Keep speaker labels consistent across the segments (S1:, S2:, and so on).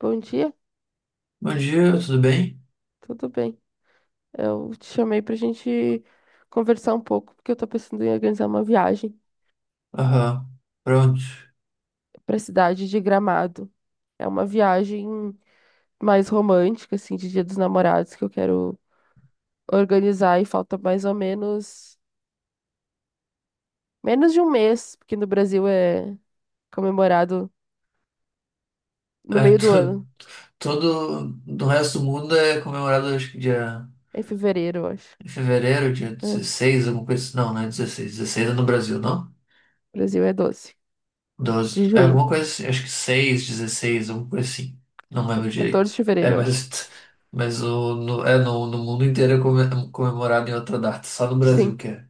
S1: Bom dia,
S2: Bom dia, tudo bem?
S1: tudo bem? Eu te chamei pra gente conversar um pouco, porque eu tô pensando em organizar uma viagem
S2: Aham, pronto.
S1: pra cidade de Gramado. É uma viagem mais romântica, assim, de Dia dos Namorados que eu quero organizar e falta mais ou menos menos de um mês, porque no Brasil é comemorado no
S2: É,
S1: meio do ano,
S2: todo do resto do mundo é comemorado, acho que dia
S1: é em fevereiro, eu acho.
S2: em fevereiro, dia
S1: É, no
S2: 16, alguma coisa assim. Não, não é 16. 16 é no Brasil, não?
S1: Brasil é 12,
S2: 12,
S1: de
S2: é
S1: junho,
S2: alguma coisa assim, acho que 6, 16, alguma coisa assim. Não lembro
S1: 14 de
S2: direito. É,
S1: fevereiro, eu acho.
S2: mas, mas o, no, é, no, no mundo inteiro é comemorado em outra data, só no Brasil
S1: Sim.
S2: que é.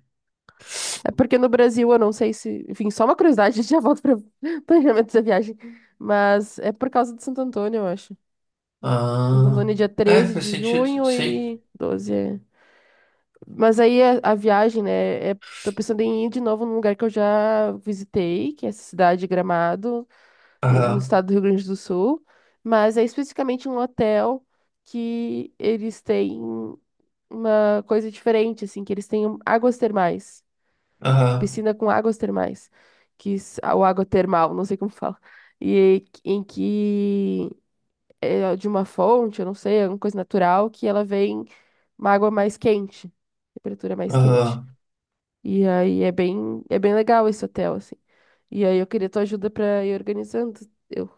S1: É porque no Brasil, eu não sei se. Enfim, só uma curiosidade, já volto para planejamento da viagem. Mas é por causa de Santo Antônio, eu acho. Santo
S2: Ah,
S1: Antônio é dia
S2: é,
S1: 13
S2: faz
S1: de
S2: sentido,
S1: junho
S2: sim.
S1: e 12. É. Mas aí a viagem, né? É, tô pensando em ir de novo num lugar que eu já visitei, que é essa cidade de Gramado, no
S2: Aham,
S1: estado do Rio Grande do Sul. Mas é especificamente um hotel que eles têm uma coisa diferente, assim, que eles têm águas termais.
S2: aham,
S1: Piscina com águas termais, ou água termal, não sei como fala, e em que é de uma fonte, eu não sei, alguma coisa natural, que ela vem uma água mais quente, temperatura mais quente.
S2: aham,
S1: E aí é bem legal esse hotel, assim. E aí eu queria tua ajuda pra ir organizando. Eu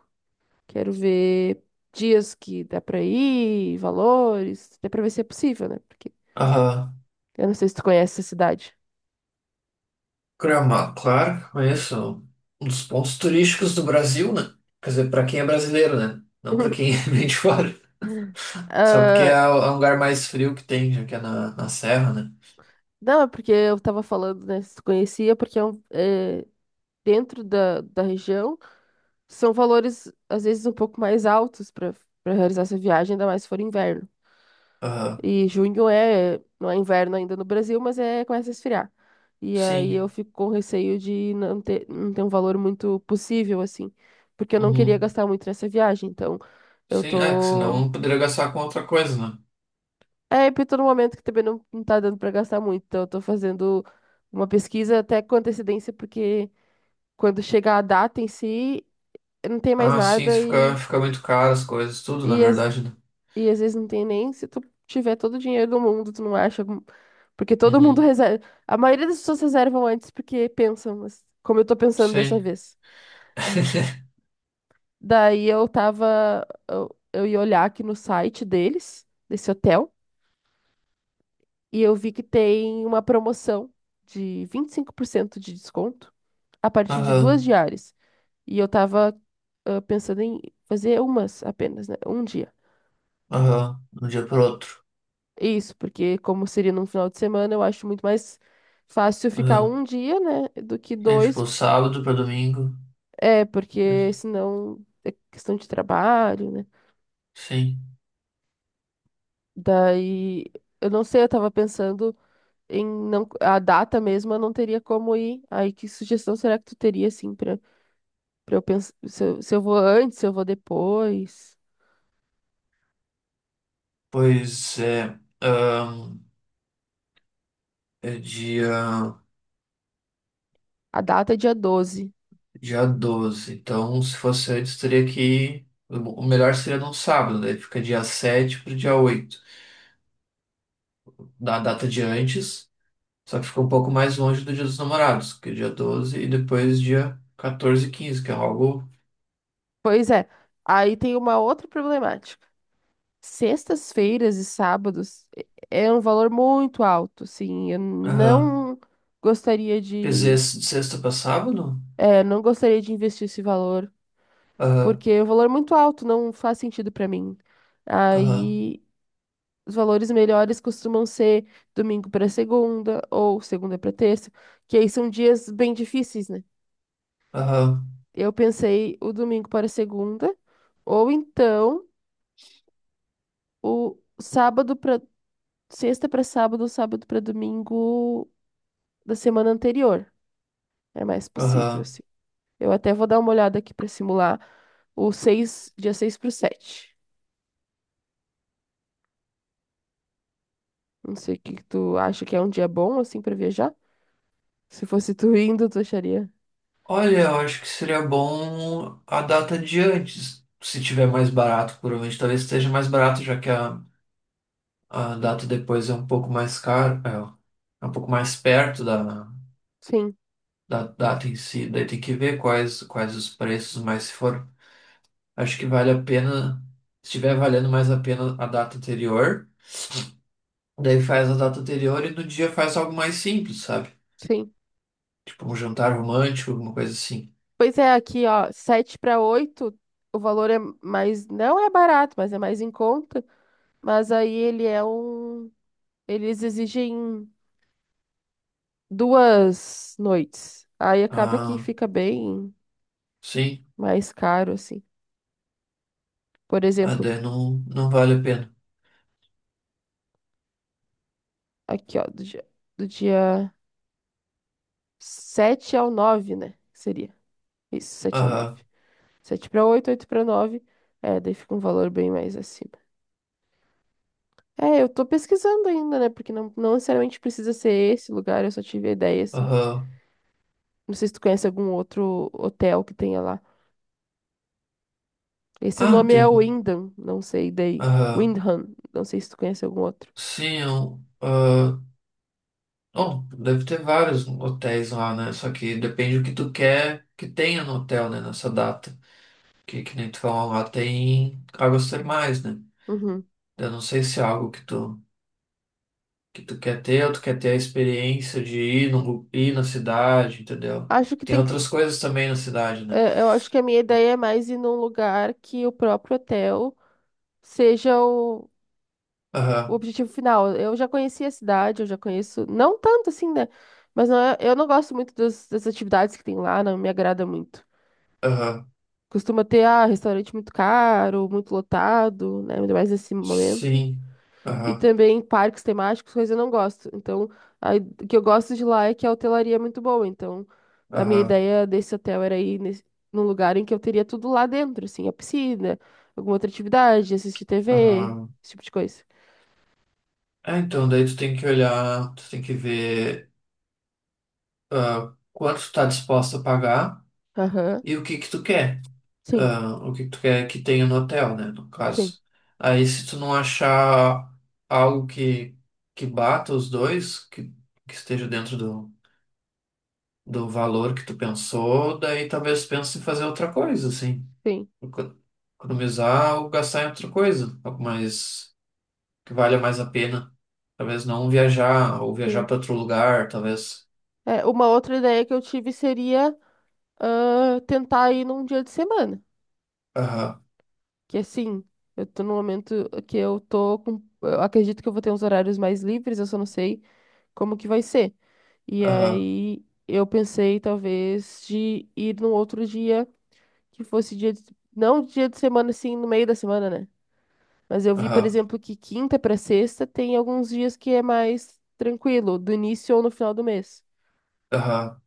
S1: quero ver dias que dá pra ir, valores, até pra ver se é possível, né? Porque
S2: aham.
S1: eu não sei se tu conhece essa cidade.
S2: Gramado, claro, conheço. Um dos pontos turísticos do Brasil, né? Quer dizer, para quem é brasileiro, né? Não para quem é bem de fora. Só porque é
S1: Ah,
S2: o lugar mais frio que tem, já que é na serra, né?
S1: não, é porque eu tava falando, né? Se tu conhecia, porque é é, dentro da região são valores, às vezes, um pouco mais altos para realizar essa viagem, ainda mais se for inverno.
S2: Ah,
S1: E junho é, não é inverno ainda no Brasil, mas é, começa a esfriar. E aí
S2: sim.
S1: eu fico com receio de não ter um valor muito possível, assim, porque eu não queria
S2: Uhum.
S1: gastar muito nessa viagem. Então, eu
S2: Sim, é que
S1: tô.
S2: senão poderia gastar com outra coisa, né?
S1: É, e tô num momento que também não tá dando pra gastar muito, então eu tô fazendo uma pesquisa até com antecedência, porque. Quando chegar a data em si, não tem mais
S2: Ah, sim,
S1: nada
S2: isso fica, fica muito caro as coisas, tudo, na
S1: e, às-
S2: verdade, né?
S1: e às vezes não tem nem se tu tiver todo o dinheiro do mundo, tu não acha. Porque todo mundo
S2: Uhum.
S1: reserva. A maioria das pessoas reservam antes porque pensam, mas como eu tô pensando dessa
S2: Sim.
S1: vez. Daí eu tava. Eu ia olhar aqui no site deles, desse hotel, e eu vi que tem uma promoção de 25% de desconto a partir de duas
S2: Aham,
S1: diárias. E eu tava, pensando em fazer umas apenas, né? Um dia.
S2: aham. De um dia pro outro.
S1: Isso, porque como seria num final de semana, eu acho muito mais fácil ficar
S2: Aham.
S1: um dia, né, do que
S2: Sim,
S1: dois,
S2: tipo, sábado para domingo.
S1: é, porque senão é questão de trabalho, né?
S2: Sim.
S1: Daí, eu não sei, eu tava pensando em não, a data mesmo, eu não teria como ir. Aí, que sugestão será que tu teria, assim, pra eu pensar, se eu vou antes, se eu vou depois?
S2: Pois é, ahn, é dia,
S1: A data é dia 12.
S2: dia 12. Então, se fosse antes, teria que ir. O melhor seria num sábado, daí fica dia 7 para dia 8 da data de antes, só que fica um pouco mais longe do Dia dos Namorados, que é dia 12 e depois dia 14 e 15 que é algo.
S1: Pois é, aí tem uma outra problemática. Sextas-feiras e sábados é um valor muito alto, assim, eu
S2: Aham.
S1: não gostaria
S2: Quer dizer,
S1: de,
S2: de sexta para sábado?
S1: não gostaria de investir esse valor,
S2: Aham,
S1: porque é um valor muito alto, não faz sentido para mim.
S2: aham,
S1: Aí os valores melhores costumam ser domingo para segunda ou segunda para terça, que aí são dias bem difíceis, né?
S2: aham,
S1: Eu pensei o domingo para segunda, ou então o sábado para sexta para sábado, sábado para domingo da semana anterior. É mais possível,
S2: aham.
S1: assim. Eu até vou dar uma olhada aqui para simular o 6 dia seis para o sete. Não sei o que que tu acha que é um dia bom, assim, para viajar. Se fosse tu indo, tu acharia?
S2: Olha, eu acho que seria bom a data de antes, se tiver mais barato, provavelmente talvez esteja mais barato, já que a data depois é um pouco mais caro, é um pouco mais perto da,
S1: Sim,
S2: da data em si, daí tem que ver quais os preços, mas se for, acho que vale a pena, se estiver valendo mais a pena a data anterior, daí faz a data anterior e no dia faz algo mais simples, sabe?
S1: sim.
S2: Tipo um jantar romântico, alguma coisa assim.
S1: Pois é, aqui, ó, 7 para 8 o valor é mais, não é barato, mas é mais em conta. Mas aí eles exigem 2 noites. Aí acaba que
S2: Ah,
S1: fica bem
S2: sim,
S1: mais caro, assim. Por
S2: ah,
S1: exemplo,
S2: daí não, não vale a pena.
S1: aqui, ó, do dia 7 ao 9, né? Seria. Isso, sete ao nove,
S2: Aham.
S1: sete para 8, 8 para nove, é, daí fica um valor bem mais acima. É, eu tô pesquisando ainda, né? Porque não necessariamente precisa ser esse lugar, eu só tive a ideia, assim.
S2: Aham.
S1: Não sei se tu conhece algum outro hotel que tenha lá. Esse
S2: Ah,
S1: nome é
S2: tem.
S1: Wyndham, não sei, daí.
S2: Aham.
S1: Windham, não sei se tu conhece algum outro.
S2: Sim, eu, ah, bom, deve ter vários hotéis lá, né? Só que depende do que tu quer que tenha no hotel, né? Nessa data. Que nem tu falou lá, tem águas termais, né?
S1: Uhum.
S2: Eu não sei se é algo que tu quer ter ou tu quer ter a experiência de ir, no, ir na cidade, entendeu?
S1: Acho que
S2: Tem
S1: tem que...
S2: outras coisas também na cidade, né?
S1: É, eu acho que a minha ideia é mais ir num lugar que o próprio hotel seja o
S2: Aham,
S1: objetivo final. Eu já conheci a cidade, eu já conheço, não tanto assim, né? Mas eu não gosto muito das atividades que tem lá, não me agrada muito.
S2: aham.
S1: Costuma ter, restaurante muito caro, muito lotado, né? Ainda mais nesse momento.
S2: Sim.
S1: E
S2: Aham,
S1: também parques temáticos, coisa eu não gosto. Então, a- o que eu gosto de lá é que a hotelaria é muito boa. Então, a minha
S2: aham,
S1: ideia desse hotel era ir nesse, num lugar em que eu teria tudo lá dentro, assim, a piscina, alguma outra atividade, assistir TV,
S2: aham.
S1: esse tipo de coisa.
S2: É, então daí tu tem que olhar, tu tem que ver. Quanto tu tá disposto a pagar
S1: Aham.
S2: e o que que tu quer.
S1: Sim,
S2: Ah, o que que tu quer que tenha no hotel, né, no
S1: sim,
S2: caso. Aí se tu não achar algo que bata os dois, que esteja dentro do valor que tu pensou, daí talvez pense em fazer outra coisa, assim.
S1: sim,
S2: Eco- Economizar ou gastar em outra coisa, algo mais que valha mais a pena. Talvez não viajar ou viajar
S1: sim.
S2: para outro lugar, talvez.
S1: É, uma outra ideia que eu tive seria, tentar ir num dia de semana.
S2: Aham,
S1: Que assim, eu tô num momento que eu tô com. Eu acredito que eu vou ter uns horários mais livres, eu só não sei como que vai ser. E
S2: aham,
S1: aí eu pensei talvez de ir num outro dia que fosse dia de, não dia de semana assim, no meio da semana, né? Mas eu vi, por
S2: aham,
S1: exemplo, que quinta pra sexta tem alguns dias que é mais tranquilo, do início ou no final do mês.
S2: aham.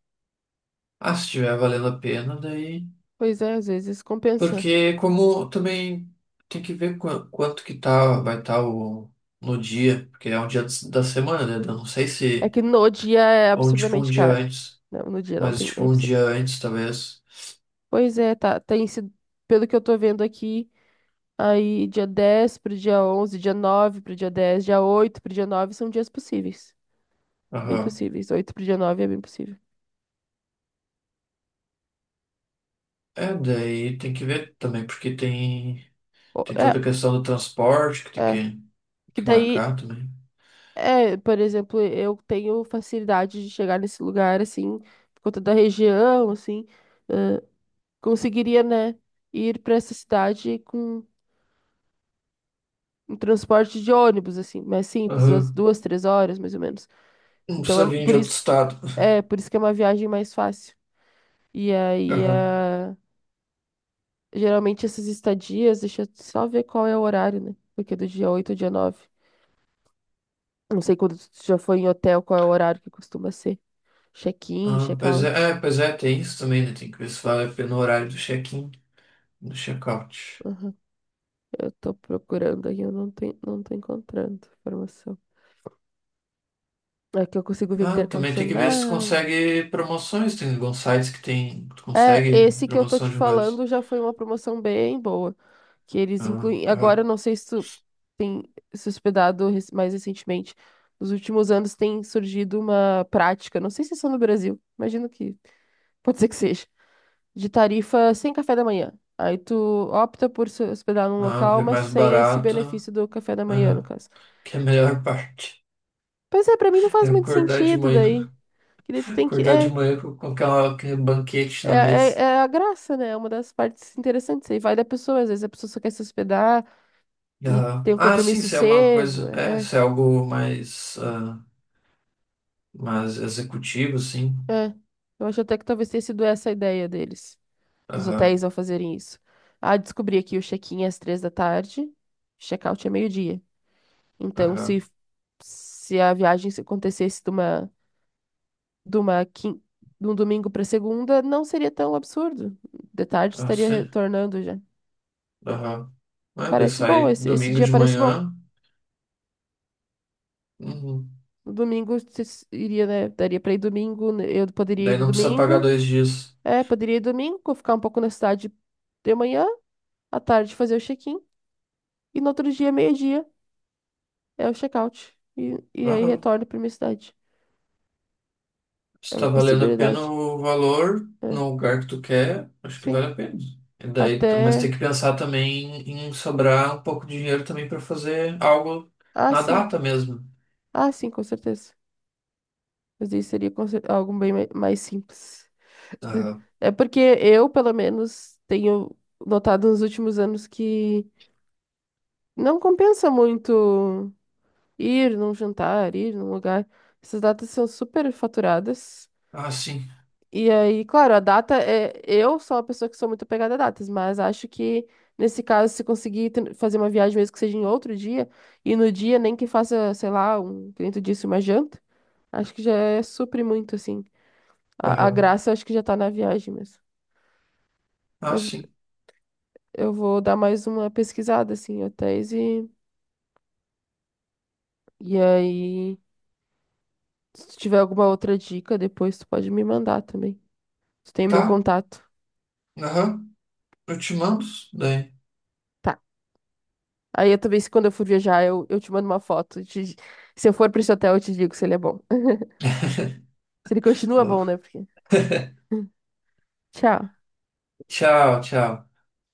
S2: Ah, se estiver valendo a pena, daí.
S1: Pois é, às vezes compensa.
S2: Porque como também tem que ver quanto que tá, vai estar o no dia, porque é um dia da semana, né? Eu não sei
S1: É
S2: se.
S1: que no dia é
S2: Ou tipo um
S1: absurdamente
S2: dia
S1: caro.
S2: antes.
S1: Não, no dia não
S2: Mas
S1: tem, é
S2: tipo um
S1: impossível.
S2: dia antes, talvez.
S1: Pois é, tá, tem sido, pelo que eu tô vendo aqui, aí dia 10 pro dia onze, dia 9 pro dia dez, dia 8 pro dia 9 são dias possíveis. Bem
S2: Aham.
S1: possíveis. 8 pro dia 9 é bem possível.
S2: É, daí tem que ver também, porque tem,
S1: Ó,
S2: tem toda
S1: é,
S2: a questão do transporte que tem
S1: é.
S2: que,
S1: Que
S2: que
S1: daí,
S2: marcar também.
S1: por exemplo, eu tenho facilidade de chegar nesse lugar, assim, por conta da região, assim. ãh, Conseguiria, né, ir pra essa cidade com um transporte de ônibus, assim, mais simples, duas,
S2: Aham.
S1: duas, 3 horas, mais ou menos.
S2: Não
S1: Então,
S2: precisa
S1: é
S2: vir de
S1: por
S2: outro
S1: isso,
S2: estado.
S1: é, por isso que é uma viagem mais fácil. E aí,
S2: Aham.
S1: geralmente essas estadias, deixa eu só ver qual é o horário, né? Porque é do dia 8 ao dia 9. Não sei quando tu já foi em hotel, qual é o horário que costuma ser. Check-in,
S2: Ah, pois é,
S1: check-out.
S2: é, pois é, tem isso também, né? Tem que ver se vale a pena o horário do check-in, do check-out.
S1: Aham. Eu tô procurando aqui, eu não tenho, não tô encontrando informação. Aqui eu consigo ver que tem
S2: Ah, também tem que ver se tu
S1: ar-condicionado.
S2: consegue promoções. Tem alguns sites que tem, tu
S1: É,
S2: consegue
S1: esse que eu tô te
S2: promoção de lugares.
S1: falando já foi uma promoção bem boa. Que eles
S2: Ah,
S1: incluem. Agora,
S2: ah,
S1: eu não sei se tu tem se hospedado mais recentemente. Nos últimos anos tem surgido uma prática, não sei se é só no Brasil, imagino que pode ser que seja. De tarifa sem café da manhã. Aí tu opta por se hospedar num
S2: ah,
S1: local,
S2: é
S1: mas
S2: mais
S1: sem esse
S2: barato.
S1: benefício do café da manhã, no
S2: Ah,
S1: caso.
S2: que é a melhor parte.
S1: Pois é, pra mim não faz
S2: É
S1: muito
S2: acordar de
S1: sentido
S2: manhã.
S1: daí. Que daí tu tem que.
S2: Acordar de
S1: É,
S2: manhã com aquela, aquele banquete
S1: é,
S2: na
S1: é,
S2: mesa.
S1: é a graça, né? É uma das partes interessantes. Aí vai da pessoa, às vezes a pessoa só quer se hospedar e
S2: Ah,
S1: tem um
S2: ah, sim,
S1: compromisso
S2: se é uma
S1: cedo.
S2: coisa. É,
S1: É,
S2: se é algo mais, ah, mais executivo, sim.
S1: é. Eu acho até que talvez tenha sido essa a ideia deles, dos
S2: Aham,
S1: hotéis ao fazerem isso. Ah, descobri aqui o check-in é às 3 da tarde, check-out é meio-dia. Então, se,
S2: aham.
S1: se a viagem se acontecesse de uma, quin- de um domingo para segunda, não seria tão absurdo. De tarde
S2: Ah,
S1: estaria
S2: sim.
S1: retornando já.
S2: Aham. É, daí
S1: Parece bom,
S2: sai
S1: esse
S2: domingo
S1: dia
S2: de
S1: parece bom.
S2: manhã. Uhum.
S1: No domingo se iria, né? Daria para ir domingo, né, eu poderia ir
S2: Daí
S1: no
S2: não precisa pagar
S1: domingo.
S2: 2 dias.
S1: É, poderia ir domingo, ficar um pouco na cidade de manhã, à tarde fazer o check-in. E no outro dia, meio-dia, é o check-out. E aí
S2: Aham.
S1: retorno para minha cidade.
S2: Se
S1: É uma
S2: tá valendo a pena
S1: possibilidade.
S2: o valor
S1: É,
S2: no lugar que tu quer, acho que
S1: sim.
S2: vale a pena. E daí, mas tem
S1: Até.
S2: que pensar também em sobrar um pouco de dinheiro também para fazer algo
S1: Ah,
S2: na
S1: sim.
S2: data mesmo.
S1: Ah, sim, com certeza. Mas isso seria algo bem mais simples.
S2: Aham.
S1: É porque eu, pelo menos, tenho notado nos últimos anos que não compensa muito ir num jantar, ir num lugar. Essas datas são super faturadas.
S2: Ah, sim.
S1: E aí, claro, a data é. Eu sou uma pessoa que sou muito apegada a datas, mas acho que nesse caso, se conseguir fazer uma viagem mesmo que seja em outro dia, e no dia nem que faça, sei lá, um, que nem tu disse, uma janta, acho que já é supre muito, assim. A
S2: Aham.
S1: graça eu acho que já tá na viagem mesmo.
S2: Ah,
S1: Mas
S2: sim.
S1: eu vou dar mais uma pesquisada, assim, em hotéis, e aí, se tiver alguma outra dica, depois tu pode me mandar também. Tu tem o meu
S2: Tá.
S1: contato.
S2: Aham. Eu te mando. Daí.
S1: Tá. Aí eu também, se quando eu for viajar, eu te mando uma foto. Se eu for pra esse hotel, eu te digo se ele é bom. Se ele continua bom, né? Porque... Tchau.
S2: Tchau, tchau.